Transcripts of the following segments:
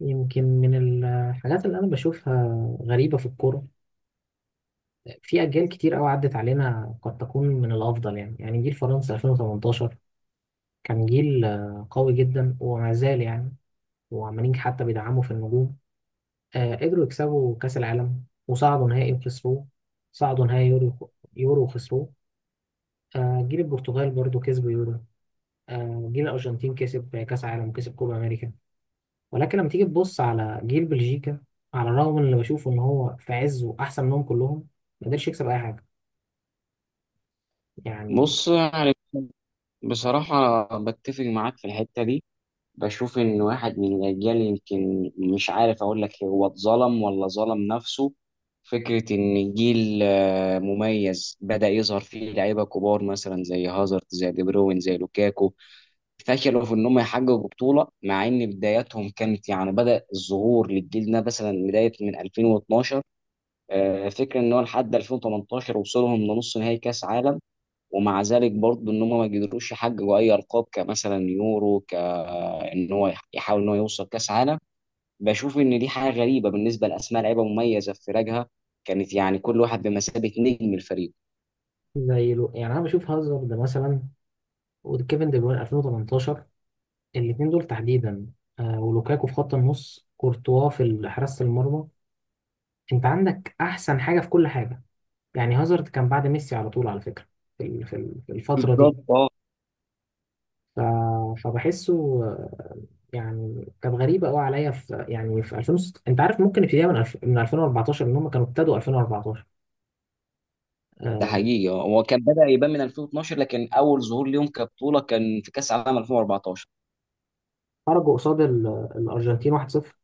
يمكن من الحاجات اللي أنا بشوفها غريبة في الكورة، في أجيال كتير أوي عدت علينا قد تكون من الأفضل. يعني جيل فرنسا 2018 كان جيل قوي جدا وما زال يعني، وعمالين حتى بيدعموا في النجوم. قدروا يكسبوا كأس العالم وصعدوا نهائي وخسروه، صعدوا نهائي يورو وخسروه. جيل البرتغال برضو كسبوا يورو. جيل الأرجنتين كسب كأس عالم وكسب كوبا أمريكا. ولكن لما تيجي تبص على جيل بلجيكا، على الرغم من اللي بشوفه ان هو في عزه احسن منهم كلهم، ما قدرش يكسب اي حاجه يعني. بص، بصراحة بتفق معاك في الحتة دي. بشوف إن واحد من الأجيال، يمكن مش عارف أقول لك هو اتظلم ولا ظلم نفسه. فكرة إن جيل مميز بدأ يظهر فيه لعيبة كبار مثلا زي هازارد زي دي بروين زي لوكاكو، فشلوا في إن هم يحققوا بطولة مع إن بداياتهم كانت، يعني بدأ الظهور للجيل ده مثلا بداية من 2012. فكرة إن هو لحد 2018 وصلهم لنص نهائي كأس عالم، ومع ذلك برضه ان هم ما قدروش يحققوا اي القاب كمثلا يورو، كان هو يحاول ان هو يوصل كاس عالم. بشوف ان دي حاجه غريبه بالنسبه لاسماء لعيبه مميزه في فرقها، كانت يعني كل واحد بمثابه نجم الفريق. زي لو يعني، انا بشوف هازارد مثلا وكيفن دي بروين 2018، الاثنين دول تحديدا، ولوكاكو في خط النص، كورتوا حراسه المرمى. انت عندك احسن حاجه في كل حاجه. يعني هازارد كان بعد ميسي على طول على فكره في الفتره دي. بالظبط، اه. ف- فبحسه. يعني كان غريبة قوي عليا في يعني انت عارف ممكن ابتديها من 2014، ان هم كانوا ابتدوا 2014. ده آه، حقيقي، هو كان بدأ يبان من 2012 لكن اول ظهور ليهم كبطوله كان في كاس عالم 2014. خرجوا قصاد الارجنتين 1-0.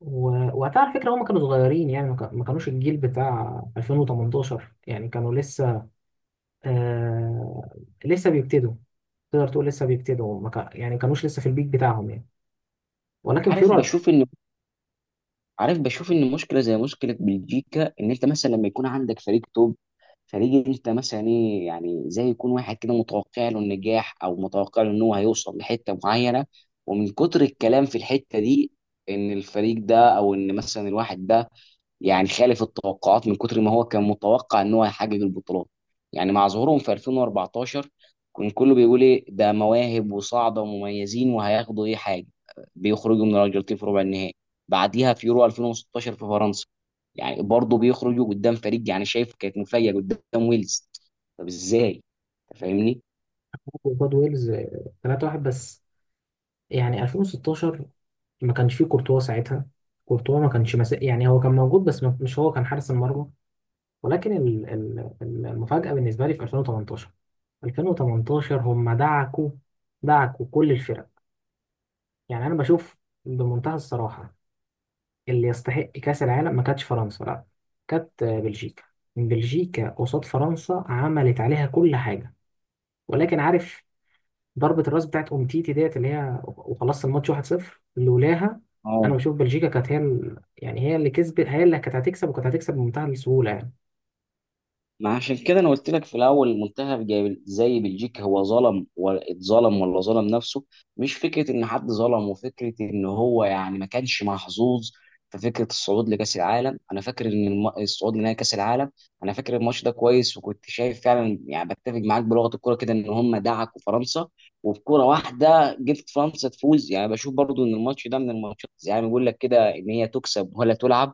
وقتها على فكرة هم كانوا صغيرين، يعني ما كانوش الجيل بتاع 2018، يعني كانوا لسه آه، لسه بيبتدوا. تقدر تقول لسه بيبتدوا، ما كا- يعني كانوش لسه في البيك بتاعهم يعني. ولكن عارف فيورو 2000 بشوف ان عارف بشوف ان مشكله زي مشكله بلجيكا، ان انت مثلا لما يكون عندك فريق توب، فريق انت مثلا ايه يعني، زي يكون واحد كده متوقع له النجاح او متوقع له ان هو هيوصل لحته معينه، ومن كتر الكلام في الحته دي ان الفريق ده او ان مثلا الواحد ده يعني خالف التوقعات، من كتر ما هو كان متوقع ان هو هيحقق البطولات. يعني مع ظهورهم في 2014 كان كله بيقول ايه ده، مواهب وصاعده ومميزين وهياخدوا ايه حاجه. بيخرجوا من الارجنتين في ربع النهائي، بعديها في يورو 2016 في فرنسا يعني برضه بيخرجوا قدام فريق، يعني شايف كانت مفاجاه قدام ويلز. طب ازاي؟ أنت فاهمني؟ قصاد ويلز 3-1 بس. يعني 2016 ما كانش فيه كورتوا ساعتها، كورتوا ما كانش مس... يعني هو كان موجود بس مش هو كان حارس المرمى. ولكن المفاجأة بالنسبة لي في 2018، 2018 هم دعكوا كل الفرق. يعني أنا بشوف بمنتهى الصراحة، اللي يستحق كأس العالم ما كانتش فرنسا، لا كانت بلجيكا. بلجيكا قصاد فرنسا عملت عليها كل حاجة. ولكن عارف ضربة الراس بتاعت أومتيتي ديت اللي هي وخلصت الماتش 1-0، لولاها أنا بشوف بلجيكا كانت يعني هي اللي كسبت، هي اللي كانت هتكسب، وكانت هتكسب بمنتهى السهولة يعني. ما عشان كده انا قلت لك في الاول، منتخب زي بلجيكا هو ظلم ولا اتظلم ولا ظلم نفسه. مش فكره ان حد ظلم، وفكره ان هو يعني ما كانش محظوظ في فكره الصعود لكاس العالم. انا فاكر ان الصعود لنهائي كاس العالم، انا فاكر الماتش ده كويس، وكنت شايف فعلا، يعني بتفق معاك بلغه الكوره كده ان هم دعكوا فرنسا، وبكوره واحده جبت فرنسا تفوز. يعني بشوف برضو ان الماتش ده من الماتشات يعني بيقول لك كده ان هي تكسب ولا تلعب.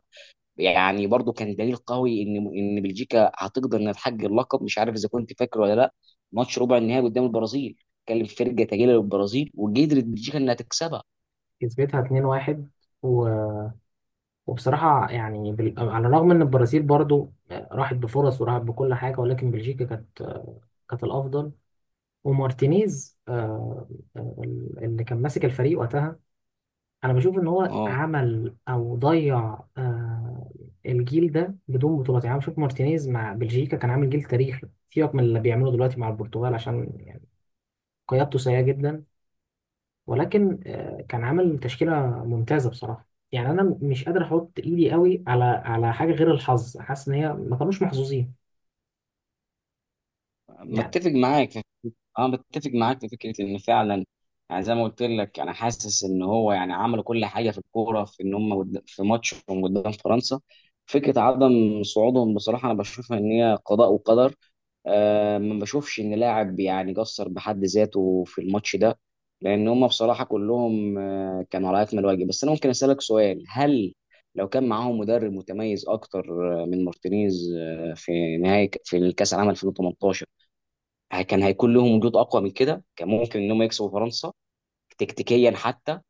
يعني برضو كان دليل قوي ان بلجيكا هتقدر انها تحقق اللقب. مش عارف اذا كنت فاكر ولا لا، ماتش ربع النهائي قدام البرازيل كان فرقه تقيله للبرازيل وقدرت بلجيكا انها تكسبها. كسبتها 2-1. و- وبصراحة يعني على الرغم إن البرازيل برضو راحت بفرص وراحت بكل حاجة، ولكن بلجيكا كانت، كانت الأفضل. ومارتينيز آه، اللي كان ماسك الفريق وقتها، انا بشوف ان هو اه عمل او ضيع الجيل ده بدون بطولات. يعني أنا بشوف مارتينيز مع بلجيكا كان عامل جيل تاريخي، سيبك من اللي بيعمله دلوقتي مع البرتغال عشان يعني قيادته سيئة جدا. ولكن كان عامل تشكيلة ممتازة بصراحة. يعني انا مش قادر احط ايدي قوي على حاجة غير الحظ، حاسس ان هي ما كانوش محظوظين يعني. متفق معاك في- اه، متفق معاك في فكره ان فعلا، يعني زي ما قلت لك انا حاسس ان هو، يعني عملوا كل حاجه في الكوره في ان هم في ماتشهم قدام فرنسا. فكره عدم صعودهم بصراحه انا بشوفها ان هي قضاء وقدر. ما بشوفش ان لاعب يعني قصر بحد ذاته في الماتش ده، لان هم بصراحه كلهم كانوا على اكمل وجه. بس انا ممكن اسالك سؤال؟ هل لو كان معاهم مدرب متميز اكتر من مارتينيز في نهايه في الكاس العالم 2018، كان هيكون لهم وجود اقوى من كده؟ كان ممكن ان هم يكسبوا فرنسا تكتيكيا حتى؟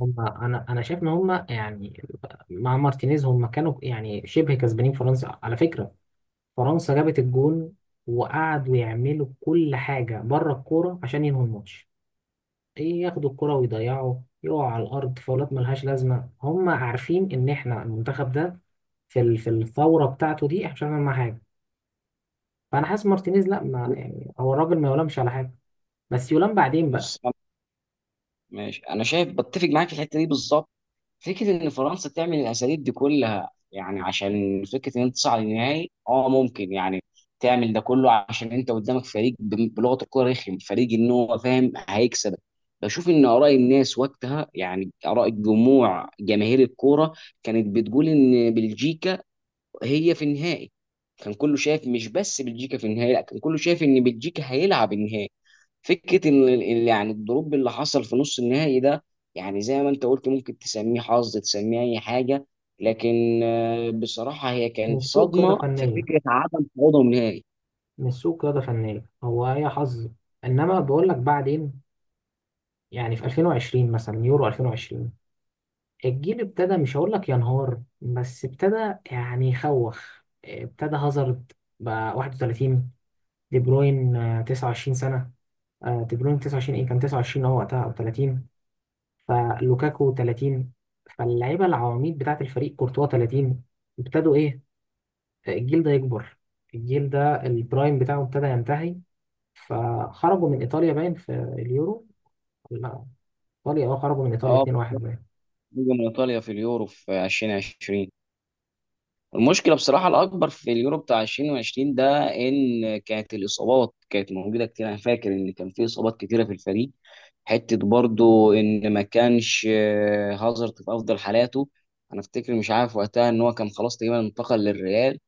هم انا شايف ان هم يعني مع مارتينيز هم كانوا يعني شبه كسبانين فرنسا على فكرة. فرنسا جابت الجون وقعدوا يعملوا كل حاجة بره الكورة عشان ينهوا الماتش، ايه ياخدوا الكورة ويضيعوا يقعوا على الأرض فاولات ملهاش لازمة. هم عارفين إن احنا المنتخب ده في الثورة بتاعته دي احنا مش هنعمل معاه حاجة. فأنا حاسس مارتينيز لا، ما يعني هو الراجل ما يلامش على حاجة، بس يلام بعدين بقى. بص أنا- ماشي، انا شايف بتفق معاك في الحته دي بالظبط. فكرة إن فرنسا تعمل الأساليب دي كلها، يعني عشان فكرة إن أنت تصعد النهائي ممكن يعني تعمل ده كله عشان أنت قدامك فريق بلغة الكورة رخم، فريق إن هو فاهم هيكسبك. بشوف إن آراء الناس وقتها، يعني آراء الجموع جماهير الكورة، كانت بتقول إن بلجيكا هي في النهائي. كان كله شايف، مش بس بلجيكا في النهائي، لا، كان كله شايف إن بلجيكا هيلعب النهائي. فكره ان يعني الدروب اللي حصل في نص النهائي ده، يعني زي ما انت قلت ممكن تسميه حظ، تسميه اي حاجه، لكن بصراحه هي كانت مش سوء قيادة صدمه في فنية، فكره عدم صعودهم نهائي. مش سوء قيادة فنية، هو هي حظ. إنما بقول لك بعدين يعني في 2020 مثلا، يورو 2020 الجيل ابتدى، مش هقول لك ينهار بس ابتدى يعني يخوخ. ابتدى هازارد بقى 31، دي بروين 29 سنة، دي بروين 29، ايه كان 29 هو وقتها او 30. فلوكاكو 30، فاللعيبة العواميد بتاعة الفريق كورتوا 30. ابتدوا ايه، الجيل ده يكبر، الجيل ده البرايم بتاعه ابتدى ينتهي. فخرجوا من ايطاليا باين في اليورو. لا، ايطاليا خرجوا من ايطاليا اه. 2-1 باين. خروجهم من ايطاليا في اليورو في 2020، المشكلة بصراحة الأكبر في اليورو بتاع 2020 ده إن كانت الإصابات كانت موجودة كتير. أنا فاكر إن كان في إصابات كتيرة في الفريق، حتة برضو إن ما كانش هازارد في أفضل حالاته. أنا أفتكر، مش عارف وقتها، إن هو كان خلاص تقريبا انتقل للريال،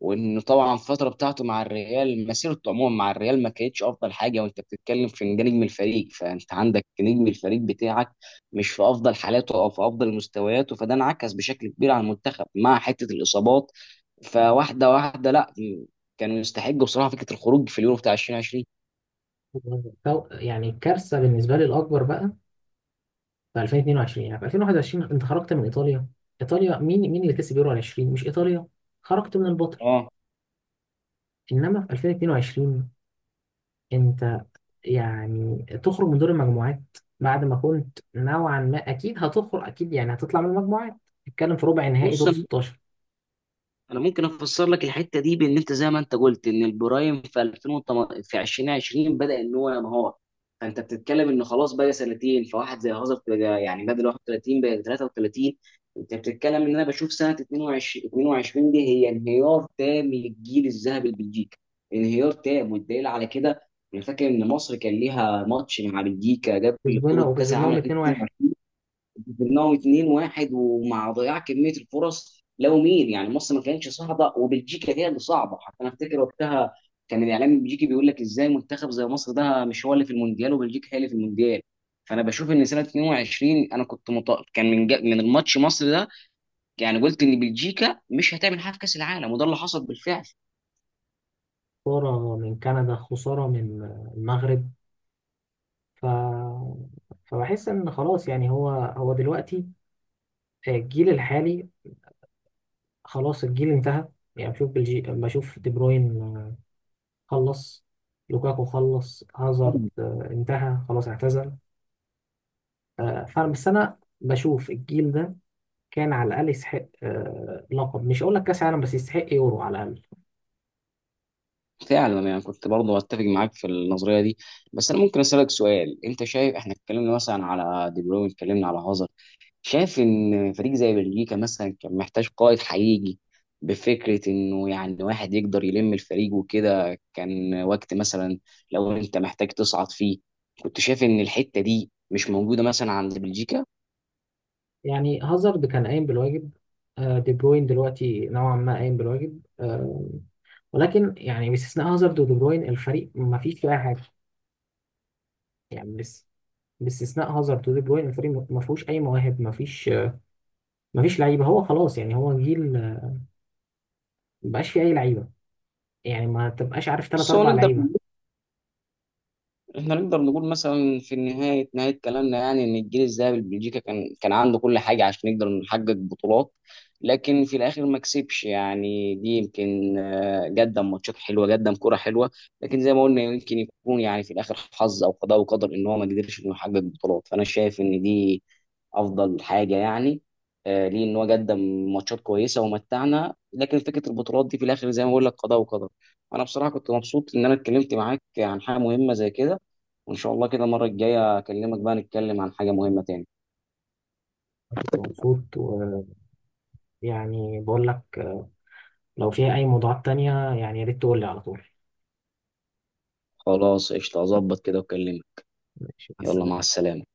وانه طبعا الفتره بتاعته مع الريال، مسيرته عموما مع الريال، ما كانتش افضل حاجه. وانت بتتكلم في إن ده نجم الفريق، فانت عندك نجم الفريق بتاعك مش في افضل حالاته او في افضل مستوياته، فده انعكس بشكل كبير على المنتخب مع حته الاصابات. فواحده واحده، لا، كان يستحق بصراحه فكره الخروج في اليورو بتاع 2020. يعني الكارثة بالنسبة لي الأكبر بقى في 2022، يعني في 2021 انت خرجت من ايطاليا. ايطاليا مين اللي كسب يورو 20؟ مش ايطاليا؟ خرجت من البطل. اه. انما في 2022 انت يعني تخرج من دور المجموعات، بعد ما كنت نوعا ما اكيد هتخرج، اكيد يعني هتطلع من المجموعات تتكلم في ربع نهائي، بص دور 16. انا ممكن افسر لك الحته دي بان انت زي ما انت قلت ان البرايم في 2018 في 2020 بدا ان هو ينهار. فانت بتتكلم ان خلاص بقى سنتين، فواحد زي هازارد بقى يعني بدل 31 بقى 33. انت بتتكلم ان، انا بشوف سنه 22 دي هي انهيار تام للجيل الذهبي البلجيكي، انهيار تام. والدليل على كده، انا فاكر ان مصر كان ليها ماتش مع بلجيكا قبل كسبنا بطوله كاس العالم وكسبناهم 2-1. 2022. كسبناهم 2-1، ومع ضياع كميه الفرص، لو مين يعني، مصر ما كانتش صعبه وبلجيكا هي اللي صعبه. حتى انا افتكر وقتها كان الاعلام البلجيكي بيقول لك ازاي منتخب زي مصر ده مش هو اللي في المونديال وبلجيكا هي اللي في المونديال. فانا بشوف ان سنه 22 انا كنت كان من من الماتش مصر ده، يعني قلت ان بلجيكا مش هتعمل حاجه في كاس العالم، وده اللي حصل بالفعل. خسارة من كندا، خسارة من المغرب. ف... فبحس ان خلاص يعني هو دلوقتي الجيل الحالي، خلاص الجيل انتهى. يعني بشوف بشوف دي بروين، خلص. لوكاكو خلص، طبعاً. هازارد انتهى، خلاص اعتزل. فانا بس انا بشوف الجيل ده كان على الاقل يستحق لقب، مش هقول لك كاس عالم بس يستحق يورو على الاقل. فعلا يعني كنت برضه اتفق معاك في النظريه دي. بس انا ممكن اسالك سؤال، انت شايف احنا اتكلمنا مثلا على دي بروين، اتكلمنا على هازارد، شايف ان فريق زي بلجيكا مثلا كان محتاج قائد حقيقي، بفكره انه يعني واحد يقدر يلم الفريق وكده؟ كان وقت مثلا لو انت محتاج تصعد فيه، كنت شايف ان الحته دي مش موجوده مثلا عند بلجيكا؟ يعني هازارد كان قايم بالواجب، دي بروين دلوقتي نوعا ما قايم بالواجب. ولكن يعني باستثناء هازارد ودي بروين الفريق ما فيش فيه اي حاجه يعني، بس باستثناء هازارد ودي بروين الفريق ما فيهوش اي مواهب، ما فيش، ما فيش لعيبه. هو خلاص يعني هو جيل مبقاش في اي لعيبه، يعني ما تبقاش عارف ثلاث بس هو اربع لعيبه. احنا نقدر نقول مثلا في نهاية كلامنا، يعني ان الجيل الذهبي لبلجيكا كان عنده كل حاجة عشان يقدر نحقق بطولات، لكن في الاخر ما كسبش. يعني دي يمكن، قدم ماتشات حلوة، قدم كرة حلوة، لكن زي ما قلنا يمكن يكون يعني في الاخر حظ او قضاء وقدر ان هو ما قدرش انه يحقق بطولات. فانا شايف ان دي افضل حاجه يعني، ليه ان هو قدم ماتشات كويسه ومتعنا، لكن فكره البطولات دي في الاخر زي ما بقول لك قضاء وقدر. انا بصراحه كنت مبسوط ان انا اتكلمت معاك عن حاجه مهمه زي كده، وان شاء الله كده المره الجايه اكلمك بقى، نتكلم عن حاجه مهمه تاني. أنا كنت مبسوط، ويعني بقول لك لو فيها اي موضوعات تانية يعني يا ريت تقول لي على طول. خلاص، قشطه، اظبط كده واكلمك. ماشي، مع يلا، مع السلامه. السلامه.